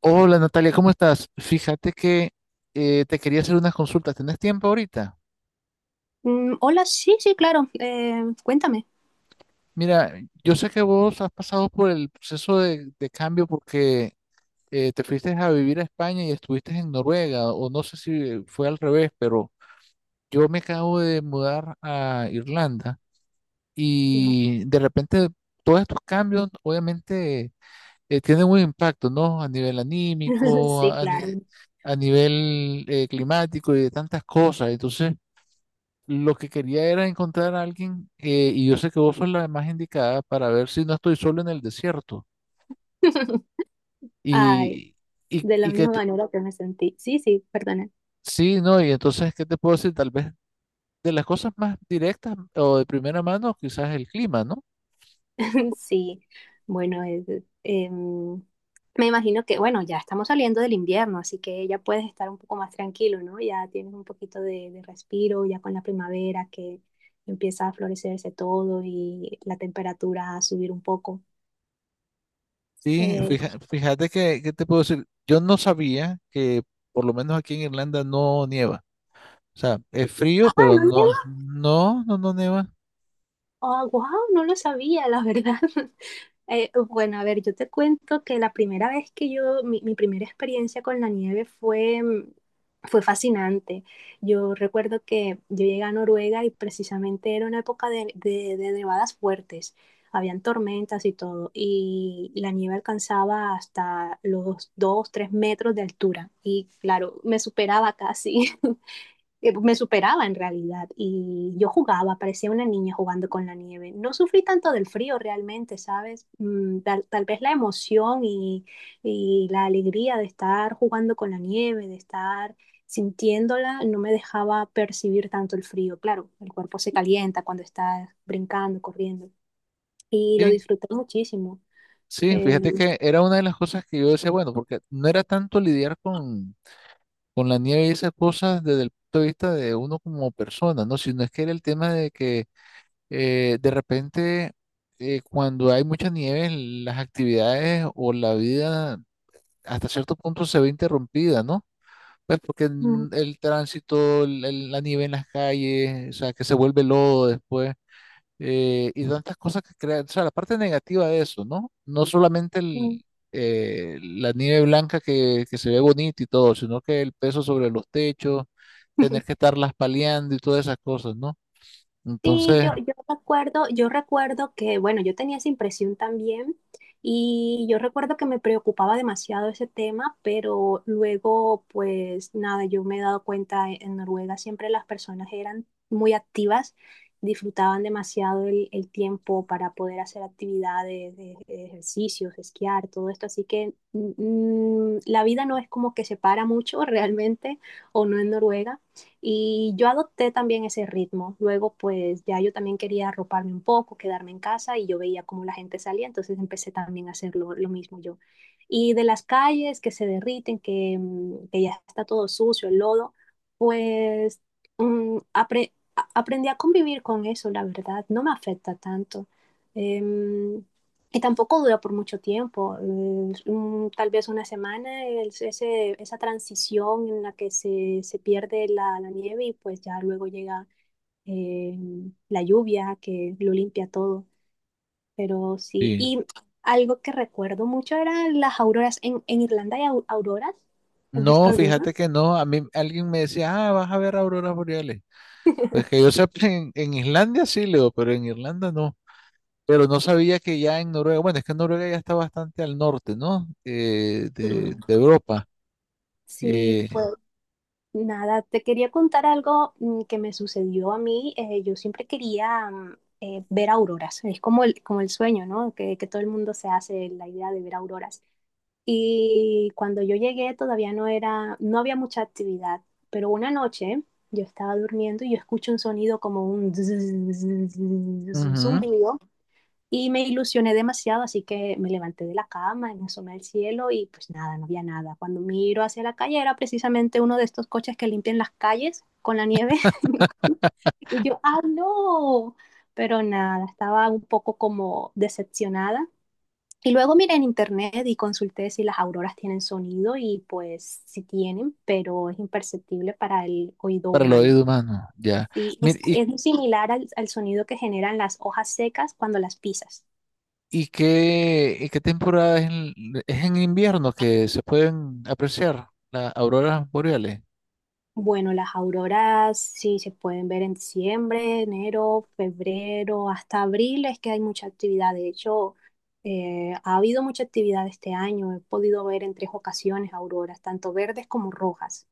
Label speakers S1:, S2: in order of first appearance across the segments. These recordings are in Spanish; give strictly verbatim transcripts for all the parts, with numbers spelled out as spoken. S1: Hola Natalia, ¿cómo estás? Fíjate que eh, te quería hacer unas consultas. ¿Tenés tiempo ahorita?
S2: Mm, hola, sí, sí, claro. Eh, cuéntame.
S1: Mira, yo sé que vos has pasado por el proceso de, de cambio porque eh, te fuiste a vivir a España y estuviste en Noruega, o no sé si fue al revés, pero yo me acabo de mudar a Irlanda
S2: Sí.
S1: y de repente todos estos cambios obviamente eh, tienen un impacto, ¿no? A nivel anímico,
S2: Sí,
S1: a, ni-
S2: claro.
S1: a nivel eh, climático y de tantas cosas. Entonces, lo que quería era encontrar a alguien, eh, y yo sé que vos sos la más indicada para ver si no estoy solo en el desierto.
S2: Ay,
S1: Y, y,
S2: de la
S1: y que
S2: misma
S1: te-
S2: manera que me sentí. Sí, sí, perdona.
S1: sí, no, y entonces, ¿qué te puedo decir? Tal vez de las cosas más directas o de primera mano, quizás el clima, ¿no?
S2: Sí, bueno, es- em, me imagino que, bueno, ya estamos saliendo del invierno, así que ya puedes estar un poco más tranquilo, ¿no? Ya tienes un poquito de, de respiro, ya con la primavera que empieza a florecerse todo y la temperatura a subir un poco.
S1: Sí,
S2: Eh,
S1: fija- fíjate que, ¿qué te puedo decir? Yo no sabía que por lo menos aquí en Irlanda no nieva. O sea, es frío,
S2: ah,
S1: pero
S2: ¿no
S1: no,
S2: nieva?
S1: no, no, no nieva.
S2: Ah, wow, no lo sabía, la verdad. Eh, bueno, a ver, yo te cuento que la primera vez que yo, mi, mi primera experiencia con la nieve fue, mm, fue fascinante. Yo recuerdo que yo llegué a Noruega y precisamente era una época de, de- de nevadas fuertes. Habían tormentas y todo, y la nieve alcanzaba hasta los dos tres metros de altura. Y claro, me superaba casi. eh, me superaba en realidad y yo jugaba, parecía una niña jugando con la nieve. No sufrí tanto del frío realmente, ¿sabes? Mm, tal, tal vez la emoción y, y la alegría de estar jugando con la nieve, de estar sintiéndola, no me dejaba percibir tanto el frío. Claro, el cuerpo se calienta cuando estás brincando, corriendo y lo
S1: Sí,
S2: disfruté muchísimo.
S1: sí,
S2: Eh,
S1: fíjate que era una de las cosas que yo decía, bueno, porque no era tanto lidiar con con la nieve y esas cosas desde el punto de vista de uno como persona, ¿no? Sino es que era el tema de que eh, de repente, eh, cuando hay mucha nieve, las actividades o la vida hasta cierto punto se ve interrumpida, ¿no? Pues porque
S2: mm,
S1: n- el tránsito, el- el- la nieve en las calles, o sea, que se vuelve lodo después. eh, y tantas cosas que crean, o sea, la parte negativa de eso, ¿no? No solamente
S2: mm.
S1: el, eh, la nieve blanca que, que se ve bonita y todo, sino que el peso sobre los techos, tener que estarlas paliando y todas esas cosas, ¿no?
S2: Sí,
S1: Entonces,
S2: yo, yo recuerdo, yo recuerdo que, bueno, yo tenía esa impresión también y yo recuerdo que me preocupaba demasiado ese tema, pero luego, pues nada, yo me he dado cuenta, e- en Noruega siempre las personas eran muy activas, disfrutaban demasiado el, el tiempo para poder hacer actividades, de- de ejercicios, esquiar, todo esto, así que mm, mm, la vida no es como que se para mucho realmente, o no en Noruega y yo adopté también ese ritmo. Luego, pues ya yo también quería arroparme un poco, quedarme en casa y yo veía cómo la gente salía, entonces empecé también a hacer lo, lo mismo yo. Y de las calles que se derriten, que, mm, que ya está todo sucio, el lodo, pues um, apre- a- aprendí a convivir con eso, la verdad, no me afecta tanto. Em, y tampoco dura por mucho tiempo, mm, un- tal vez una semana, el- ese- esa transición en la que se, se pierde la, la nieve y pues ya luego llega eh, la lluvia que lo limpia todo. Pero sí,
S1: sí.
S2: y algo que recuerdo mucho eran las auroras. En, en Irlanda hay au- auroras. ¿Has visto
S1: No,
S2: alguna?
S1: fíjate que no. A mí alguien me decía, ah, vas a ver auroras boreales. Pues que yo sepa, en, en Islandia sí, Leo, pero en Irlanda no. Pero no sabía que ya en Noruega, bueno, es que Noruega ya está bastante al norte, ¿no? Eh,
S2: Sí.
S1: de, de Europa.
S2: Sí,
S1: Eh,
S2: nada, te quería contar algo mm, que me sucedió a mí. Eh, yo siempre quería mm, eh, ver auroras. Es como el, como el sueño, ¿no? Que, que todo el mundo se hace la idea de ver auroras. Y cuando yo llegué todavía no era, no había mucha actividad. Pero una noche yo estaba durmiendo y yo escucho un sonido como un zzzz, un
S1: ujú.
S2: zumbido y me ilusioné demasiado, así que me levanté de la cama, me asomé al cielo y pues nada, no había nada. Cuando miro hacia la calle era precisamente uno de estos coches que limpian las calles con la nieve. Y yo, ¡ah, no! Pero nada, estaba un poco como decepcionada. Y luego miré en internet y consulté si las auroras tienen sonido y pues sí tienen, pero es imperceptible para el oído
S1: Para el
S2: humano.
S1: oído humano, ya.
S2: Sí,
S1: Mira,
S2: es,
S1: ¿y,
S2: es muy similar al, al sonido que generan las hojas secas cuando las pisas.
S1: y qué, ¿y qué temporada es en, es en invierno que se pueden apreciar las auroras boreales?
S2: Bueno, las auroras sí se pueden ver en diciembre, enero, febrero, hasta abril es que hay mucha actividad. De hecho, eh, ha habido mucha actividad este año. He podido ver en tres ocasiones auroras, tanto verdes como rojas.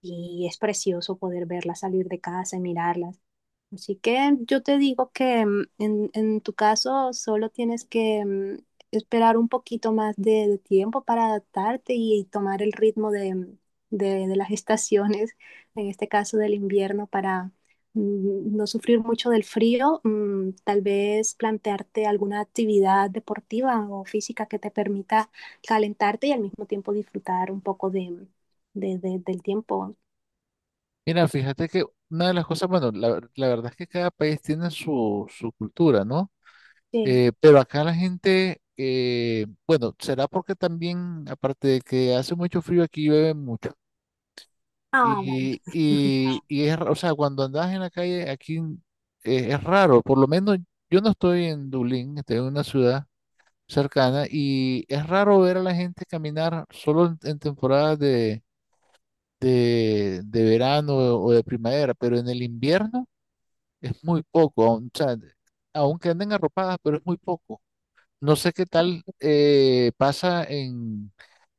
S2: Y es precioso poder verlas salir de casa y mirarlas. Así que yo te digo que mm, en, en tu caso solo tienes que mm, esperar un poquito más de, de tiempo para adaptarte y, tomar el ritmo de, mm, de- de las estaciones, en este caso del invierno, para mm, no sufrir mucho del frío. Mm, tal vez plantearte alguna actividad deportiva o física que te permita calentarte y al mismo tiempo disfrutar un poco de, mm, de- de- del tiempo.
S1: Mira, fíjate que una de las cosas, bueno, la, la verdad es que cada país tiene su, su cultura, ¿no?
S2: Sí.
S1: Eh, pero acá la gente, eh, bueno, será porque también, aparte de que hace mucho frío, aquí llueve mucho.
S2: Ah, vale.
S1: Y, y, y es, ra- o sea, cuando andas en la calle, aquí eh, es raro, por lo menos yo no estoy en Dublín, estoy en una ciudad cercana, y es raro ver a la gente caminar solo en, en temporadas de, de, de verano o de primavera, pero en el invierno es muy poco, aun- o sea, aunque anden arropadas, pero es muy poco. No sé qué tal eh, pasa en,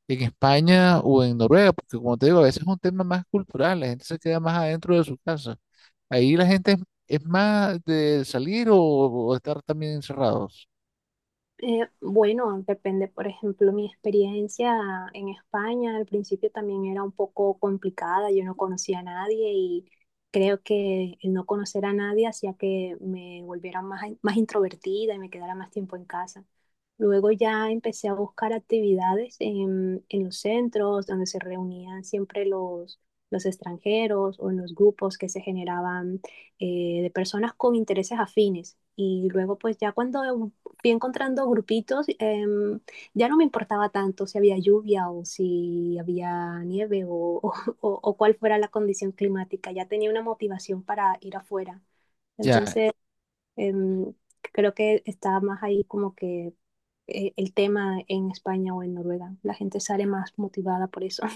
S1: en España o en Noruega, porque como te digo, a veces es un tema más cultural, la gente se queda más adentro de su casa. Ahí la gente es, es más de salir o, o estar también encerrados.
S2: Eh, bueno, depende, por ejemplo, mi experiencia en España al principio también era un poco complicada, yo no conocía a nadie y creo que el no conocer a nadie hacía que me volviera más, más introvertida y me quedara más tiempo en casa. Luego ya empecé a buscar actividades en, en los centros donde se reunían siempre los, los extranjeros o en los grupos que se generaban eh, de personas con intereses afines. Y luego pues ya cuando fui encontrando grupitos, em, ya no me importaba tanto si había lluvia o si había nieve o, o, o cuál fuera la condición climática, ya tenía una motivación para ir afuera.
S1: Ya,
S2: Entonces, em, creo que está más ahí como que eh, el tema en España o en Noruega. La gente sale más motivada por eso.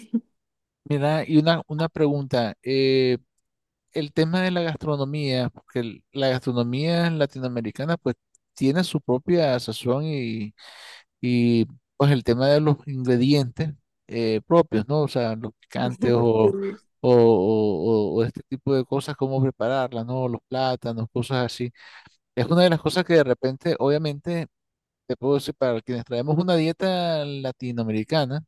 S1: mira, y una, una pregunta. eh, el tema de la gastronomía, porque el- la gastronomía latinoamericana pues tiene su propia sazón, y pues el tema de los ingredientes eh, propios, ¿no? O sea, los picantes o, o,
S2: Sí.
S1: o- o este tipo de cosas, cómo prepararlas, ¿no? Los plátanos, cosas así. Es una de las cosas que de repente, obviamente, te puedo decir, para quienes traemos una dieta latinoamericana,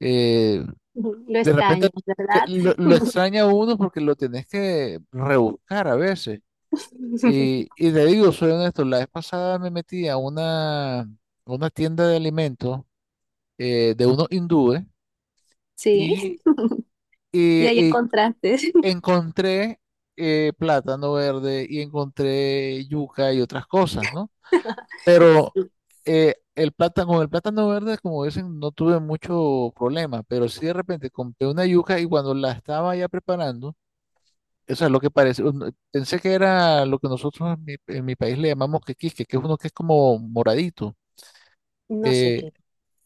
S1: eh,
S2: Lo
S1: de repente
S2: extraño,
S1: te-
S2: ¿verdad?
S1: lo, lo extraña uno porque lo tenés que rebuscar a veces. Y, y te digo, soy honesto, la vez pasada me metí a una, a una tienda de alimentos eh, de unos hindúes
S2: Sí.
S1: y,
S2: Y
S1: eh,
S2: ahí
S1: eh,
S2: encontraste.
S1: encontré eh, plátano verde y encontré yuca y otras cosas, ¿no? Pero
S2: Sí.
S1: eh, el plátano, con el plátano verde, como dicen, no tuve mucho problema, pero sí de repente compré una yuca y cuando la estaba ya preparando, eso es lo que parece, un- pensé que era lo que nosotros en mi, en mi país le llamamos quequisque, que es uno que es como moradito.
S2: No sé
S1: eh,
S2: qué.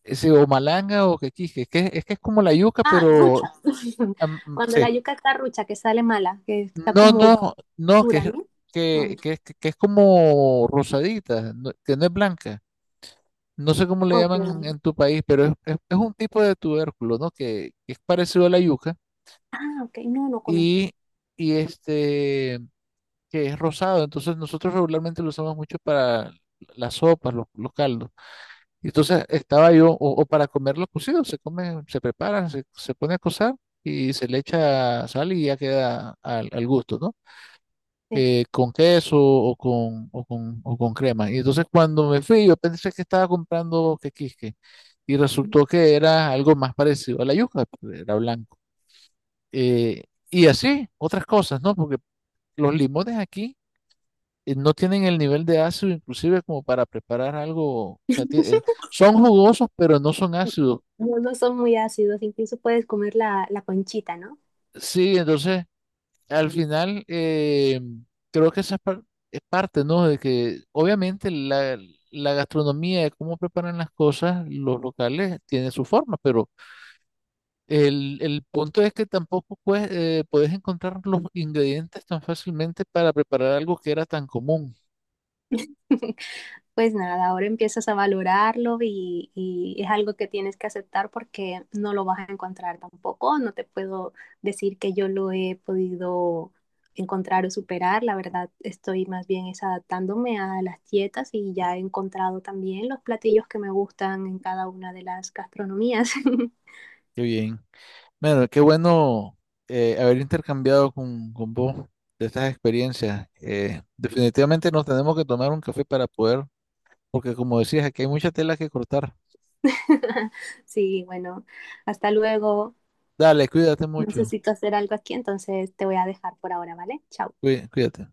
S1: ese o malanga o quequisque, que es, es que es como la yuca,
S2: Ah,
S1: pero
S2: rucha.
S1: am-
S2: Cuando la
S1: sí.
S2: yuca está rucha, que sale mala, que está
S1: No,
S2: como
S1: no, no, que
S2: dura,
S1: es,
S2: ¿no? Mm,
S1: que, que, es- que es como rosadita, no- que no es blanca. No sé cómo le llaman
S2: ok.
S1: en tu país, pero es, es- es un tipo de tubérculo, ¿no? Que, que es parecido a la yuca
S2: Ah, ok, no, no conozco.
S1: y, y este, que es rosado. Entonces nosotros regularmente lo usamos mucho para las sopas, los, los caldos. Y entonces estaba yo, o, o para comerlo cocido, se come, se prepara, se, se pone a cocer y se le echa sal y ya queda al, al gusto, ¿no?
S2: Sí.
S1: eh, con queso o con, o con, o con crema. Y entonces cuando me fui, yo pensé que estaba comprando quequisque y resultó que era algo más parecido a la yuca, pero era blanco. Eh, y así, otras cosas, ¿no? Porque los limones aquí eh, no tienen el nivel de ácido inclusive como para preparar algo, o sea, tie- eh, son jugosos, pero no son ácidos.
S2: No, no son muy ácidos, incluso puedes comer la, la conchita, ¿no?
S1: Sí, entonces al final, eh, creo que esa par- es parte, ¿no? De que obviamente la, la gastronomía, de cómo preparan las cosas, los locales, tiene su forma, pero el, el punto es que tampoco pues, eh, puedes encontrar los ingredientes tan fácilmente para preparar algo que era tan común.
S2: pues nada, ahora empiezas a valorarlo y, y es algo que tienes que aceptar porque no lo vas a encontrar tampoco. No te puedo decir que yo lo he podido encontrar o superar. La verdad, estoy más bien es adaptándome a las dietas y ya he encontrado también los platillos que me gustan en cada una de las gastronomías.
S1: Qué bien. Bueno, qué bueno eh, haber intercambiado con, con vos de estas experiencias. Eh, definitivamente nos tenemos que tomar un café para poder, porque como decías, aquí hay mucha tela que cortar.
S2: Sí, bueno, hasta luego.
S1: Dale, cuídate mucho.
S2: Necesito hacer algo aquí, entonces te voy a dejar por ahora, ¿vale? Chao.
S1: cuí- Cuídate.